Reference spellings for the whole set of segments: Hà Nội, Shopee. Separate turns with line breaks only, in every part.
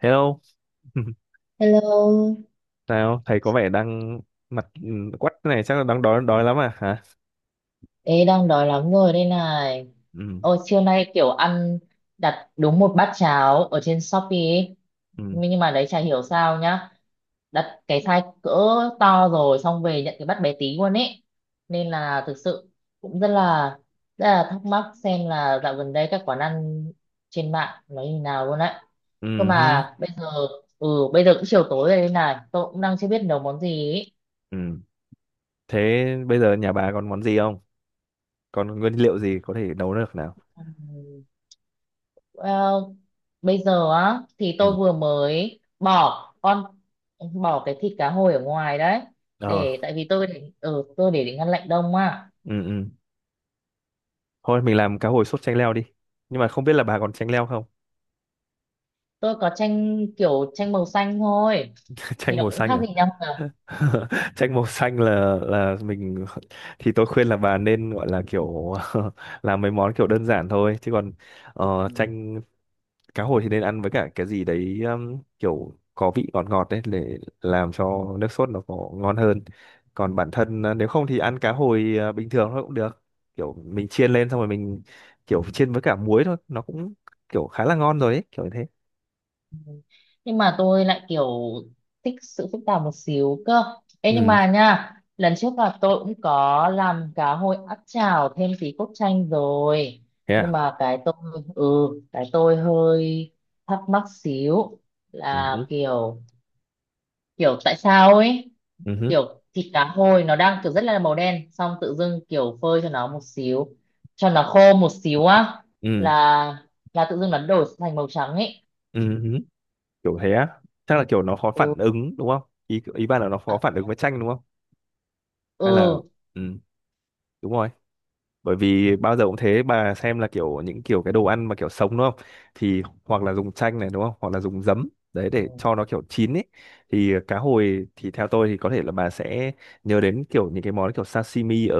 Hello,
Hello.
nào thầy có vẻ đang mặt quắt này chắc là đang đói đói lắm à hả?
Ê, đang đói lắm rồi đây này.
Ừ,
Ôi, trưa nay kiểu ăn đặt đúng một bát cháo ở trên Shopee ấy.
ừ,
Nhưng mà đấy chả hiểu sao nhá. Đặt cái size cỡ to rồi xong về nhận cái bát bé tí luôn ấy. Nên là thực sự cũng rất là thắc mắc xem là dạo gần đây các quán ăn trên mạng nó như nào luôn đấy. Cơ
ừ, hứ,
mà bây giờ ừ bây giờ cũng chiều tối rồi đây này, tôi cũng đang chưa biết nấu món gì ấy.
ừ. Thế bây giờ nhà bà còn món gì không? Còn nguyên liệu gì có thể nấu được nào?
Ừ. Well, bây giờ á thì tôi
Ừ,
vừa mới bỏ cái thịt cá hồi ở ngoài đấy,
ờ,
để tại vì tôi để ngăn lạnh đông à.
ừ, ừ. Thôi mình làm cá hồi sốt chanh leo đi. Nhưng mà không biết là bà còn chanh leo không?
Tôi có chanh kiểu chanh màu xanh thôi thì
Chanh
nó
màu
cũng
xanh
khác gì
à?
nhau
Chanh màu xanh là mình, thì tôi khuyên là bà nên gọi là kiểu làm mấy món kiểu đơn giản thôi, chứ còn
cả.
chanh cá hồi thì nên ăn với cả cái gì đấy kiểu có vị ngọt ngọt đấy để làm cho nước sốt nó có ngon hơn. Còn bản thân à, nếu không thì ăn cá hồi à, bình thường thôi cũng được, kiểu mình chiên lên xong rồi mình kiểu chiên với cả muối thôi nó cũng kiểu khá là ngon rồi ấy, kiểu như thế.
Nhưng mà tôi lại kiểu thích sự phức tạp một xíu cơ. Ê, nhưng
Ừ,
mà nha lần trước là tôi cũng có làm cá hồi áp chảo thêm tí cốt chanh rồi.
thế
Nhưng
à.
mà ừ cái tôi hơi thắc mắc xíu,
Ừ
là
hứ,
kiểu kiểu tại sao ấy,
ừ hứ,
kiểu thịt cá hồi nó đang kiểu rất là màu đen xong tự dưng kiểu phơi cho nó một xíu, cho nó khô một xíu á,
ừ,
là là tự dưng nó đổi thành màu trắng ấy.
ừ, kiểu thế á. Chắc là kiểu nó khó
Ừ.
phản ứng đúng không, ý ý bạn là nó
À,
khó phản
thế
ứng
à?
với chanh đúng không, hay là,
Ừ.
ừ, đúng rồi. Bởi vì bao giờ cũng thế, bà xem là kiểu những kiểu cái đồ ăn mà kiểu sống đúng không, thì hoặc là dùng chanh này đúng không, hoặc là dùng giấm đấy
Ừ,
để cho nó kiểu chín ấy. Thì cá hồi thì theo tôi thì có thể là bà sẽ nhớ đến kiểu những cái món kiểu sashimi ở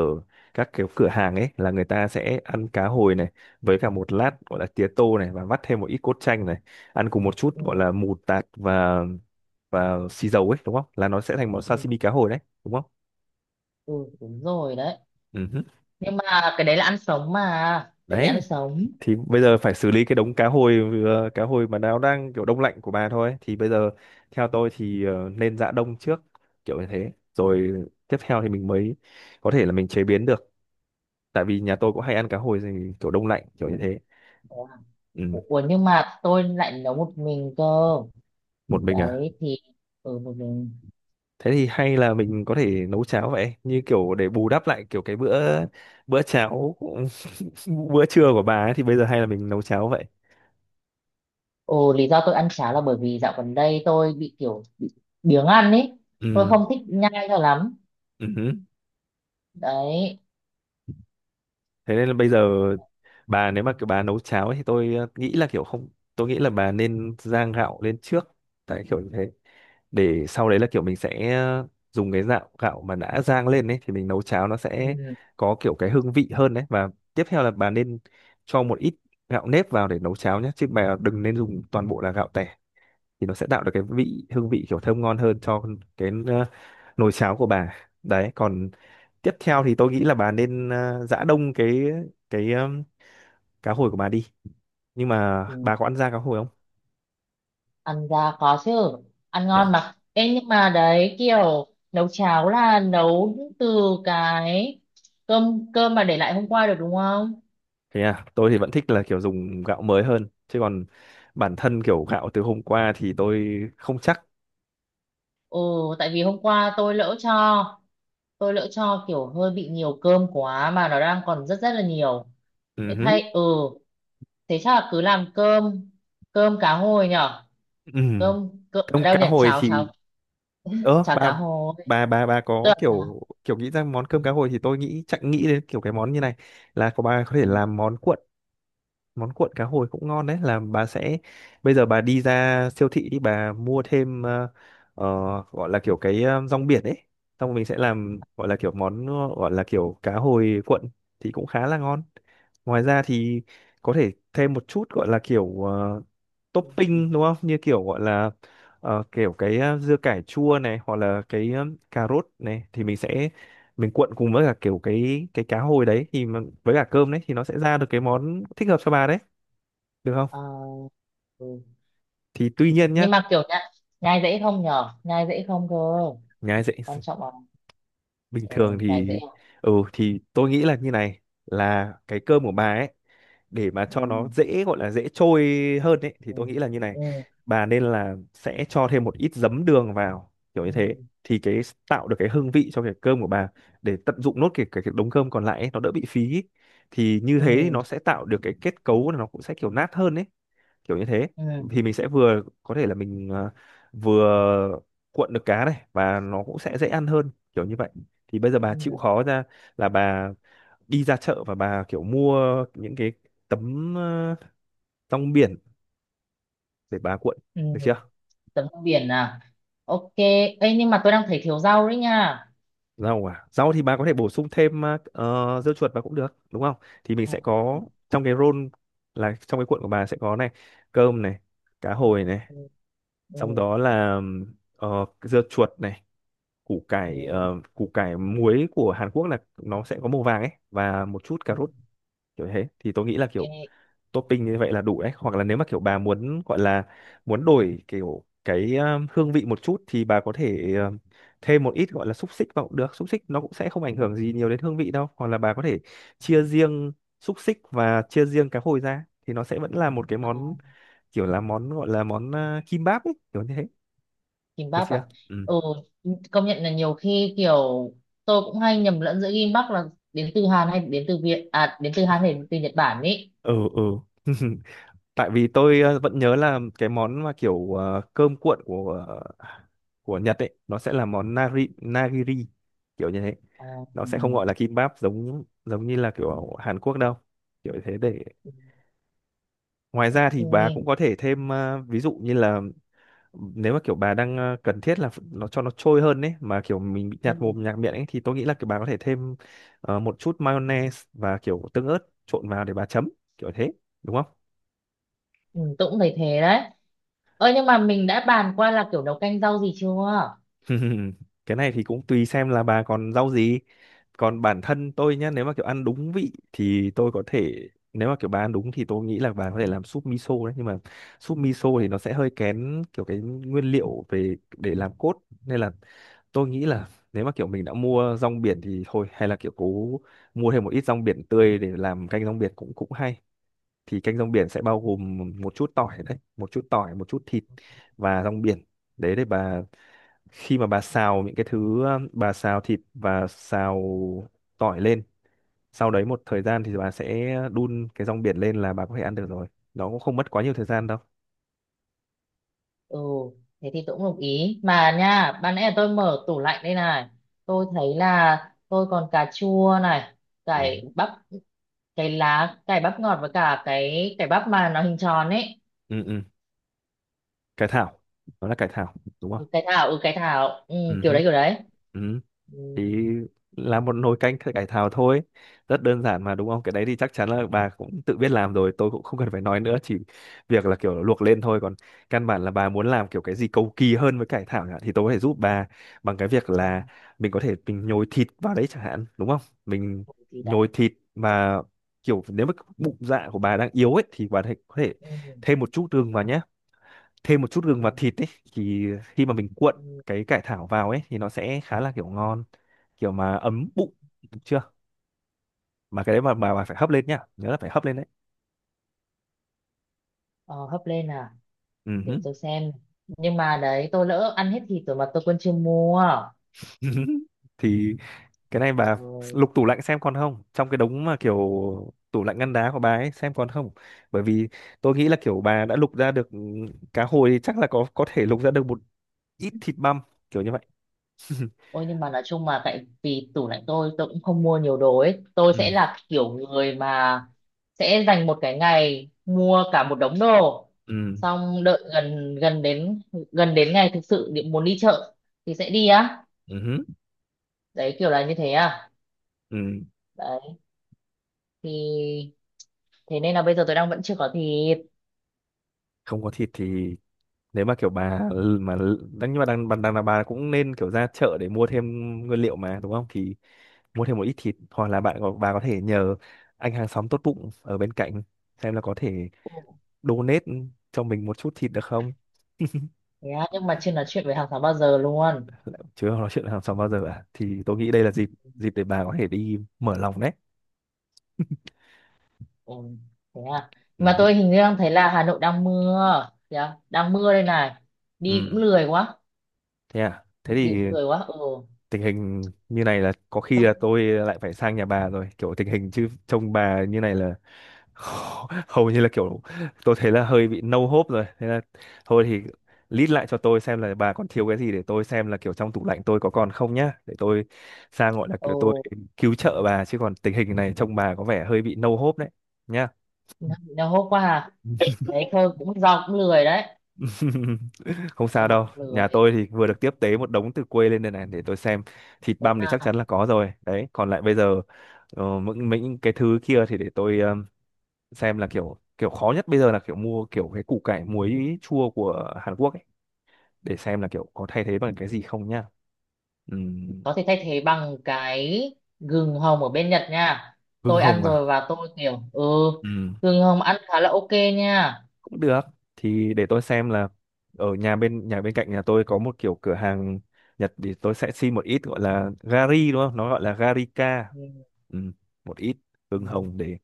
các kiểu cửa hàng ấy, là người ta sẽ ăn cá hồi này với cả một lát gọi là tía tô này, và vắt thêm một ít cốt chanh này, ăn cùng một chút gọi
ừ,
là mù tạt và xì dầu ấy, đúng không, là nó sẽ thành món
ừ,
sashimi cá hồi đấy, đúng không.
ừ, đúng rồi đấy.
Ừ. Hứ.
Nhưng mà cái đấy là ăn sống mà, cái đấy ăn
Đấy
sống.
thì bây giờ phải xử lý cái đống cá hồi cá hồi mà nó đang kiểu đông lạnh của bà thôi, thì bây giờ theo tôi thì nên giã đông trước, kiểu như thế rồi tiếp theo thì mình mới có thể là mình chế biến được, tại vì nhà tôi cũng
Ờ,
hay ăn cá hồi gì kiểu đông lạnh kiểu như thế.
thế à?
Ừ.
Ủa ủa, nhưng mà tôi lại nấu một mình cơ.
Một mình à?
Đấy thì ừ, một mình.
Thế thì hay là mình có thể nấu cháo vậy, như kiểu để bù đắp lại kiểu cái bữa bữa cháo, bữa trưa của bà ấy, thì bây giờ hay là mình nấu cháo vậy.
Ồ, lý do tôi ăn cháo là bởi vì dạo gần đây tôi kiểu bị biếng ăn ấy. Tôi
Ừ.
không thích nhai cho lắm
Ừ.
đấy.
Thế nên là bây giờ bà nếu mà kiểu bà nấu cháo ấy, thì tôi, nghĩ là kiểu không tôi nghĩ là bà nên rang gạo lên trước, tại kiểu như thế, để sau đấy là kiểu mình sẽ dùng cái gạo gạo mà đã rang lên ấy thì mình nấu cháo nó sẽ
Ừ.
có kiểu cái hương vị hơn đấy. Và tiếp theo là bà nên cho một ít gạo nếp vào để nấu cháo nhé, chứ bà đừng nên dùng toàn bộ là gạo tẻ, thì nó sẽ tạo được cái hương vị kiểu thơm ngon hơn cho cái, nồi cháo của bà. Đấy còn tiếp theo thì tôi nghĩ là bà nên, giã đông cái cá hồi của bà đi. Nhưng mà
Ừ.
bà có ăn da cá hồi không
Ăn ra có chứ, ăn
nhỉ?
ngon mà. Ê, nhưng mà đấy kiểu nấu cháo là nấu từ cái cơm cơm mà để lại hôm qua được đúng không.
Thế à, tôi thì vẫn thích là kiểu dùng gạo mới hơn, chứ còn bản thân kiểu gạo từ hôm qua thì tôi không chắc.
Ừ. Tại vì hôm qua tôi lỡ cho kiểu hơi bị nhiều cơm quá mà nó đang còn rất rất là nhiều.
Ừ
Thế
hứ.
thay ừ Thế chắc là cứ làm cơm cơm cá hồi nhở.
Ừ.
Cơm cơm
Cơm
ở đâu
cá
nhỉ,
hồi
cháo,
thì,
cháo,
ơ
cháo cá hồi,
bà
tức
có
là cháo.
kiểu kiểu nghĩ ra món cơm cá hồi thì tôi nghĩ, chẳng nghĩ đến kiểu cái món như này, là có, bà có thể
Ừ.
làm món cuộn. Món cuộn cá hồi cũng ngon đấy, là bà sẽ, bây giờ bà đi ra siêu thị đi, bà mua thêm, ờ, gọi là kiểu cái, rong biển ấy, xong rồi mình sẽ làm gọi là kiểu món, gọi là kiểu cá hồi cuộn, thì cũng khá là ngon. Ngoài ra thì có thể thêm một chút gọi là kiểu,
Ừ.
topping đúng không, như kiểu gọi là, kiểu cái, dưa cải chua này, hoặc là cái, cà rốt này, thì mình sẽ mình cuộn cùng với cả kiểu cái cá hồi đấy, với cả cơm đấy, thì nó sẽ ra được cái món thích hợp cho bà đấy, được không.
Ờ, ừ.
Thì tuy nhiên nhá,
Nhưng mà kiểu nhai, nhai dễ không nhở, nhai dễ không cơ,
nhà dạy
quan trọng là
bình
ừ,
thường
nhai
thì,
dễ không?
thì tôi nghĩ là như này, là cái cơm của bà ấy, để mà
Ừ.
cho nó dễ, gọi là dễ trôi hơn ấy,
Ừ.
thì tôi nghĩ là như này,
Ừ.
bà nên là sẽ cho thêm một ít giấm đường vào kiểu
Ừ.
như thế, thì cái, tạo được cái hương vị cho cái cơm của bà, để tận dụng nốt cái, cái đống cơm còn lại ấy, nó đỡ bị phí ấy. Thì như thế thì
Ừ.
nó sẽ tạo được cái kết cấu là nó cũng sẽ kiểu nát hơn ấy, kiểu như thế,
Ừ.
thì mình sẽ vừa có thể là mình, vừa cuộn được cá này, và nó cũng sẽ dễ ăn hơn kiểu như vậy. Thì bây giờ bà chịu
Ừ.
khó ra, là bà đi ra chợ và bà kiểu mua những cái tấm, rong biển để bà cuộn,
Ừ.
được chưa.
Tấm rau biển à, ok. Ấy nhưng mà tôi đang thấy thiếu rau đấy nha.
Rau à, rau thì bà có thể bổ sung thêm, dưa chuột vào cũng được đúng không, thì mình
Ừ.
sẽ có trong cái roll, là trong cái cuộn của bà sẽ có này, cơm này, cá hồi này,
Ừ.
xong
Ừ.
đó là dưa chuột này,
Ừ. Ừ.
củ cải muối của Hàn Quốc, là nó sẽ có màu vàng ấy, và một chút cà
Ừ.
rốt, kiểu thế thì tôi nghĩ là
Ê.
kiểu topping như vậy là đủ đấy. Hoặc là nếu mà kiểu bà muốn gọi là muốn đổi kiểu cái, hương vị một chút, thì bà có thể, thêm một ít gọi là xúc xích vào cũng được, xúc xích nó cũng sẽ không ảnh hưởng gì
Ừ. Ừ. Ừ.
nhiều đến hương vị đâu. Hoặc là bà có thể chia riêng xúc xích và chia riêng cá hồi ra, thì nó sẽ vẫn là một cái
À,
món, kiểu là món gọi là món, kimbap ấy, kiểu như thế,
kim
được
bắp à.
chưa. Ừ,
Ừ, công nhận là nhiều khi kiểu tôi cũng hay nhầm lẫn giữa kim bắp là đến từ Hàn hay đến từ Việt, à, đến từ Hàn hay đến từ Nhật Bản ý.
ừ, ừ. Tại vì tôi, vẫn nhớ là cái món mà kiểu, cơm cuộn của Nhật ấy, nó sẽ là món nari nagiri kiểu như thế,
À.
nó sẽ không
Ừ,
gọi là kimbap giống giống như là kiểu ở Hàn Quốc đâu, kiểu như thế để. Ngoài ra thì bà
ok.
cũng có thể thêm, ví dụ như là nếu mà kiểu bà đang, cần thiết là, nó cho nó trôi hơn ấy, mà kiểu mình bị
Ừ,
nhạt mồm nhạt miệng ấy, thì tôi nghĩ là kiểu bà có thể thêm, một chút mayonnaise và kiểu tương ớt trộn vào để bà chấm kiểu thế, đúng không.
ừ, tôi cũng thấy thế đấy. Ơ nhưng mà mình đã bàn qua là kiểu nấu canh rau gì chưa?
Cái này thì cũng tùy xem là bà còn rau gì. Còn bản thân tôi nhá, nếu mà kiểu ăn đúng vị thì tôi có thể, nếu mà kiểu bà ăn đúng thì tôi nghĩ là bà có thể làm súp miso đấy, nhưng mà súp miso thì nó sẽ hơi kén kiểu cái nguyên liệu về để làm cốt, nên là tôi nghĩ là nếu mà kiểu mình đã mua rong biển thì thôi, hay là kiểu cố mua thêm một ít rong biển tươi để làm canh rong biển cũng cũng hay. Thì canh rong biển sẽ bao gồm một chút tỏi đấy, một chút tỏi, một chút thịt và rong biển đấy, để bà khi mà bà xào những cái thứ, bà xào thịt và xào tỏi lên, sau đấy một thời gian thì bà sẽ đun cái rong biển lên là bà có thể ăn được rồi, nó cũng không mất quá nhiều thời gian đâu.
Ừ, thế thì tôi cũng đồng ý. Mà nha, ban nãy là tôi mở tủ lạnh đây này. Tôi thấy là tôi còn cà chua này,
Ừ,
cải bắp, cái lá, cải bắp ngọt với cả cái cải bắp mà nó hình tròn ấy.
ừ, ừ. Cải thảo, nó là cải thảo đúng không.
Ừ, cái thảo, ừ cái thảo, ừ,
Ừ,
kiểu đấy kiểu đấy.
ừ,
Ừ,
thì
đấy,
là một nồi canh cải thảo thôi, rất đơn giản mà, đúng không, cái đấy thì chắc chắn là bà cũng tự biết làm rồi, tôi cũng không cần phải nói nữa, chỉ việc là kiểu luộc lên thôi. Còn căn bản là bà muốn làm kiểu cái gì cầu kỳ hơn với cải thảo nhỉ, thì tôi có thể giúp bà bằng cái việc
ừ,
là mình có thể mình nhồi thịt vào đấy chẳng hạn, đúng không, mình
củ gì đã.
nhồi thịt mà kiểu, nếu mà bụng dạ của bà đang yếu ấy, thì có thể
Ừ,
thêm một chút gừng vào nhé, thêm một chút gừng vào
ừ,
thịt ấy, thì khi mà mình cuộn
ừ.
cái cải thảo vào ấy thì nó sẽ khá là kiểu ngon, kiểu mà ấm bụng, được chưa. Mà cái đấy mà bà phải hấp lên nhá, nhớ là phải hấp lên đấy.
Ờ, hấp lên à?
Ừ
Để
hứ.
tôi xem, nhưng mà đấy tôi lỡ ăn hết thịt rồi mà tôi quên chưa mua.
Thì cái này
Trời
bà
ơi.
lục tủ lạnh xem còn không, trong cái đống mà kiểu tủ lạnh ngăn đá của bà ấy xem còn không, bởi vì tôi nghĩ là kiểu bà đã lục ra được, ừ, cá hồi thì chắc là có thể lục ra được một ít thịt băm kiểu như vậy.
Ôi nhưng mà nói chung mà tại vì tủ lạnh tôi cũng không mua nhiều đồ ấy, tôi sẽ
Ừ,
là kiểu người mà sẽ dành một cái ngày mua cả một đống đồ,
ừ,
xong đợi gần gần đến ngày thực sự muốn đi chợ thì sẽ đi á.
ừ hứ,
Đấy kiểu là như thế à.
ừ.
Đấy thì thế nên là bây giờ tôi đang vẫn chưa có thịt.
Không có thịt thì, nếu mà kiểu bà, mà đang nhưng mà đang đang, đang là bà cũng nên kiểu ra chợ để mua thêm nguyên liệu mà, đúng không, thì mua thêm một ít thịt, hoặc là bà có thể nhờ anh hàng xóm tốt bụng ở bên cạnh, xem là có thể
Ừ.
donate cho mình một chút thịt được không.
Thế á, nhưng mà chưa nói chuyện với hàng xóm bao giờ luôn.
Chứ không nói chuyện hàng xóm bao giờ à, thì tôi nghĩ đây là dịp, để bà có thể đi mở lòng đấy.
Ồ, thế à. Mà
Ừ.
tôi hình như đang thấy là Hà Nội đang mưa. Thế à? Đang mưa đây này. Đi cũng
Ừ.
lười quá.
Thế à, thế
Đi
thì
cũng lười quá. Ừ.
tình hình như này là có khi là
Không.
tôi lại phải sang nhà bà rồi, kiểu tình hình, chứ trông bà như này là hầu như là kiểu tôi thấy là hơi bị no hope rồi, thế là thôi thì list lại cho tôi xem là bà còn thiếu cái gì, để tôi xem là kiểu trong tủ lạnh tôi có còn không nhá, để tôi sang gọi là kiểu tôi
Ồ,
cứu trợ bà, chứ còn tình hình này trông bà có vẻ hơi bị no hope đấy nhá.
nó hốt quá à. Đấy thôi, cũng do cũng lười đấy.
Không sao
Trông mà
đâu,
cũng lười.
nhà tôi thì vừa
Ừ.
được tiếp tế một đống từ quê lên đây này, để tôi xem, thịt
Thế
băm thì chắc chắn
à.
là có rồi đấy, còn lại bây giờ, những cái thứ kia thì để tôi xem, là kiểu kiểu khó nhất bây giờ là kiểu mua kiểu cái củ cải muối chua của Hàn Quốc ấy, để xem là kiểu có thay thế bằng cái gì không nhá. Ừm,
Có thể thay thế bằng cái gừng hồng ở bên Nhật nha.
hương
Tôi
hồng
ăn
à.
rồi và tôi kiểu,
Ừm,
gừng hồng ăn khá là ok nha.
cũng được, thì để tôi xem là ở nhà bên cạnh nhà tôi có một kiểu cửa hàng Nhật, thì tôi sẽ xin một ít gọi là gari đúng không, nó gọi là garika,
Ừ,
ừm, một ít
ừ,
hương hồng để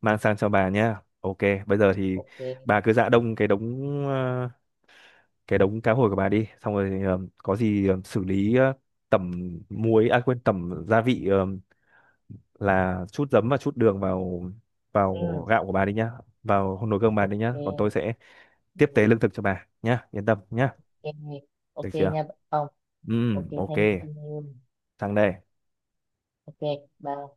mang sang cho bà nha, ok. Bây giờ thì
ok.
bà cứ dạ đông cái đống cá hồi của bà đi, xong rồi, có gì, xử lý, tẩm muối à quên, tẩm gia vị, là chút giấm và chút đường vào vào
Ừ,
gạo của bà đi nhá, vào nồi cơm bà đi nhá, còn tôi
ok.
sẽ tiếp
Ừ,
tế lương thực cho bà nhá, yên tâm nhá,
ok.
được
Ok
chưa.
nha.
Ừ,
Ok,
ok,
thank you em.
sang đây.
Ok. Bye.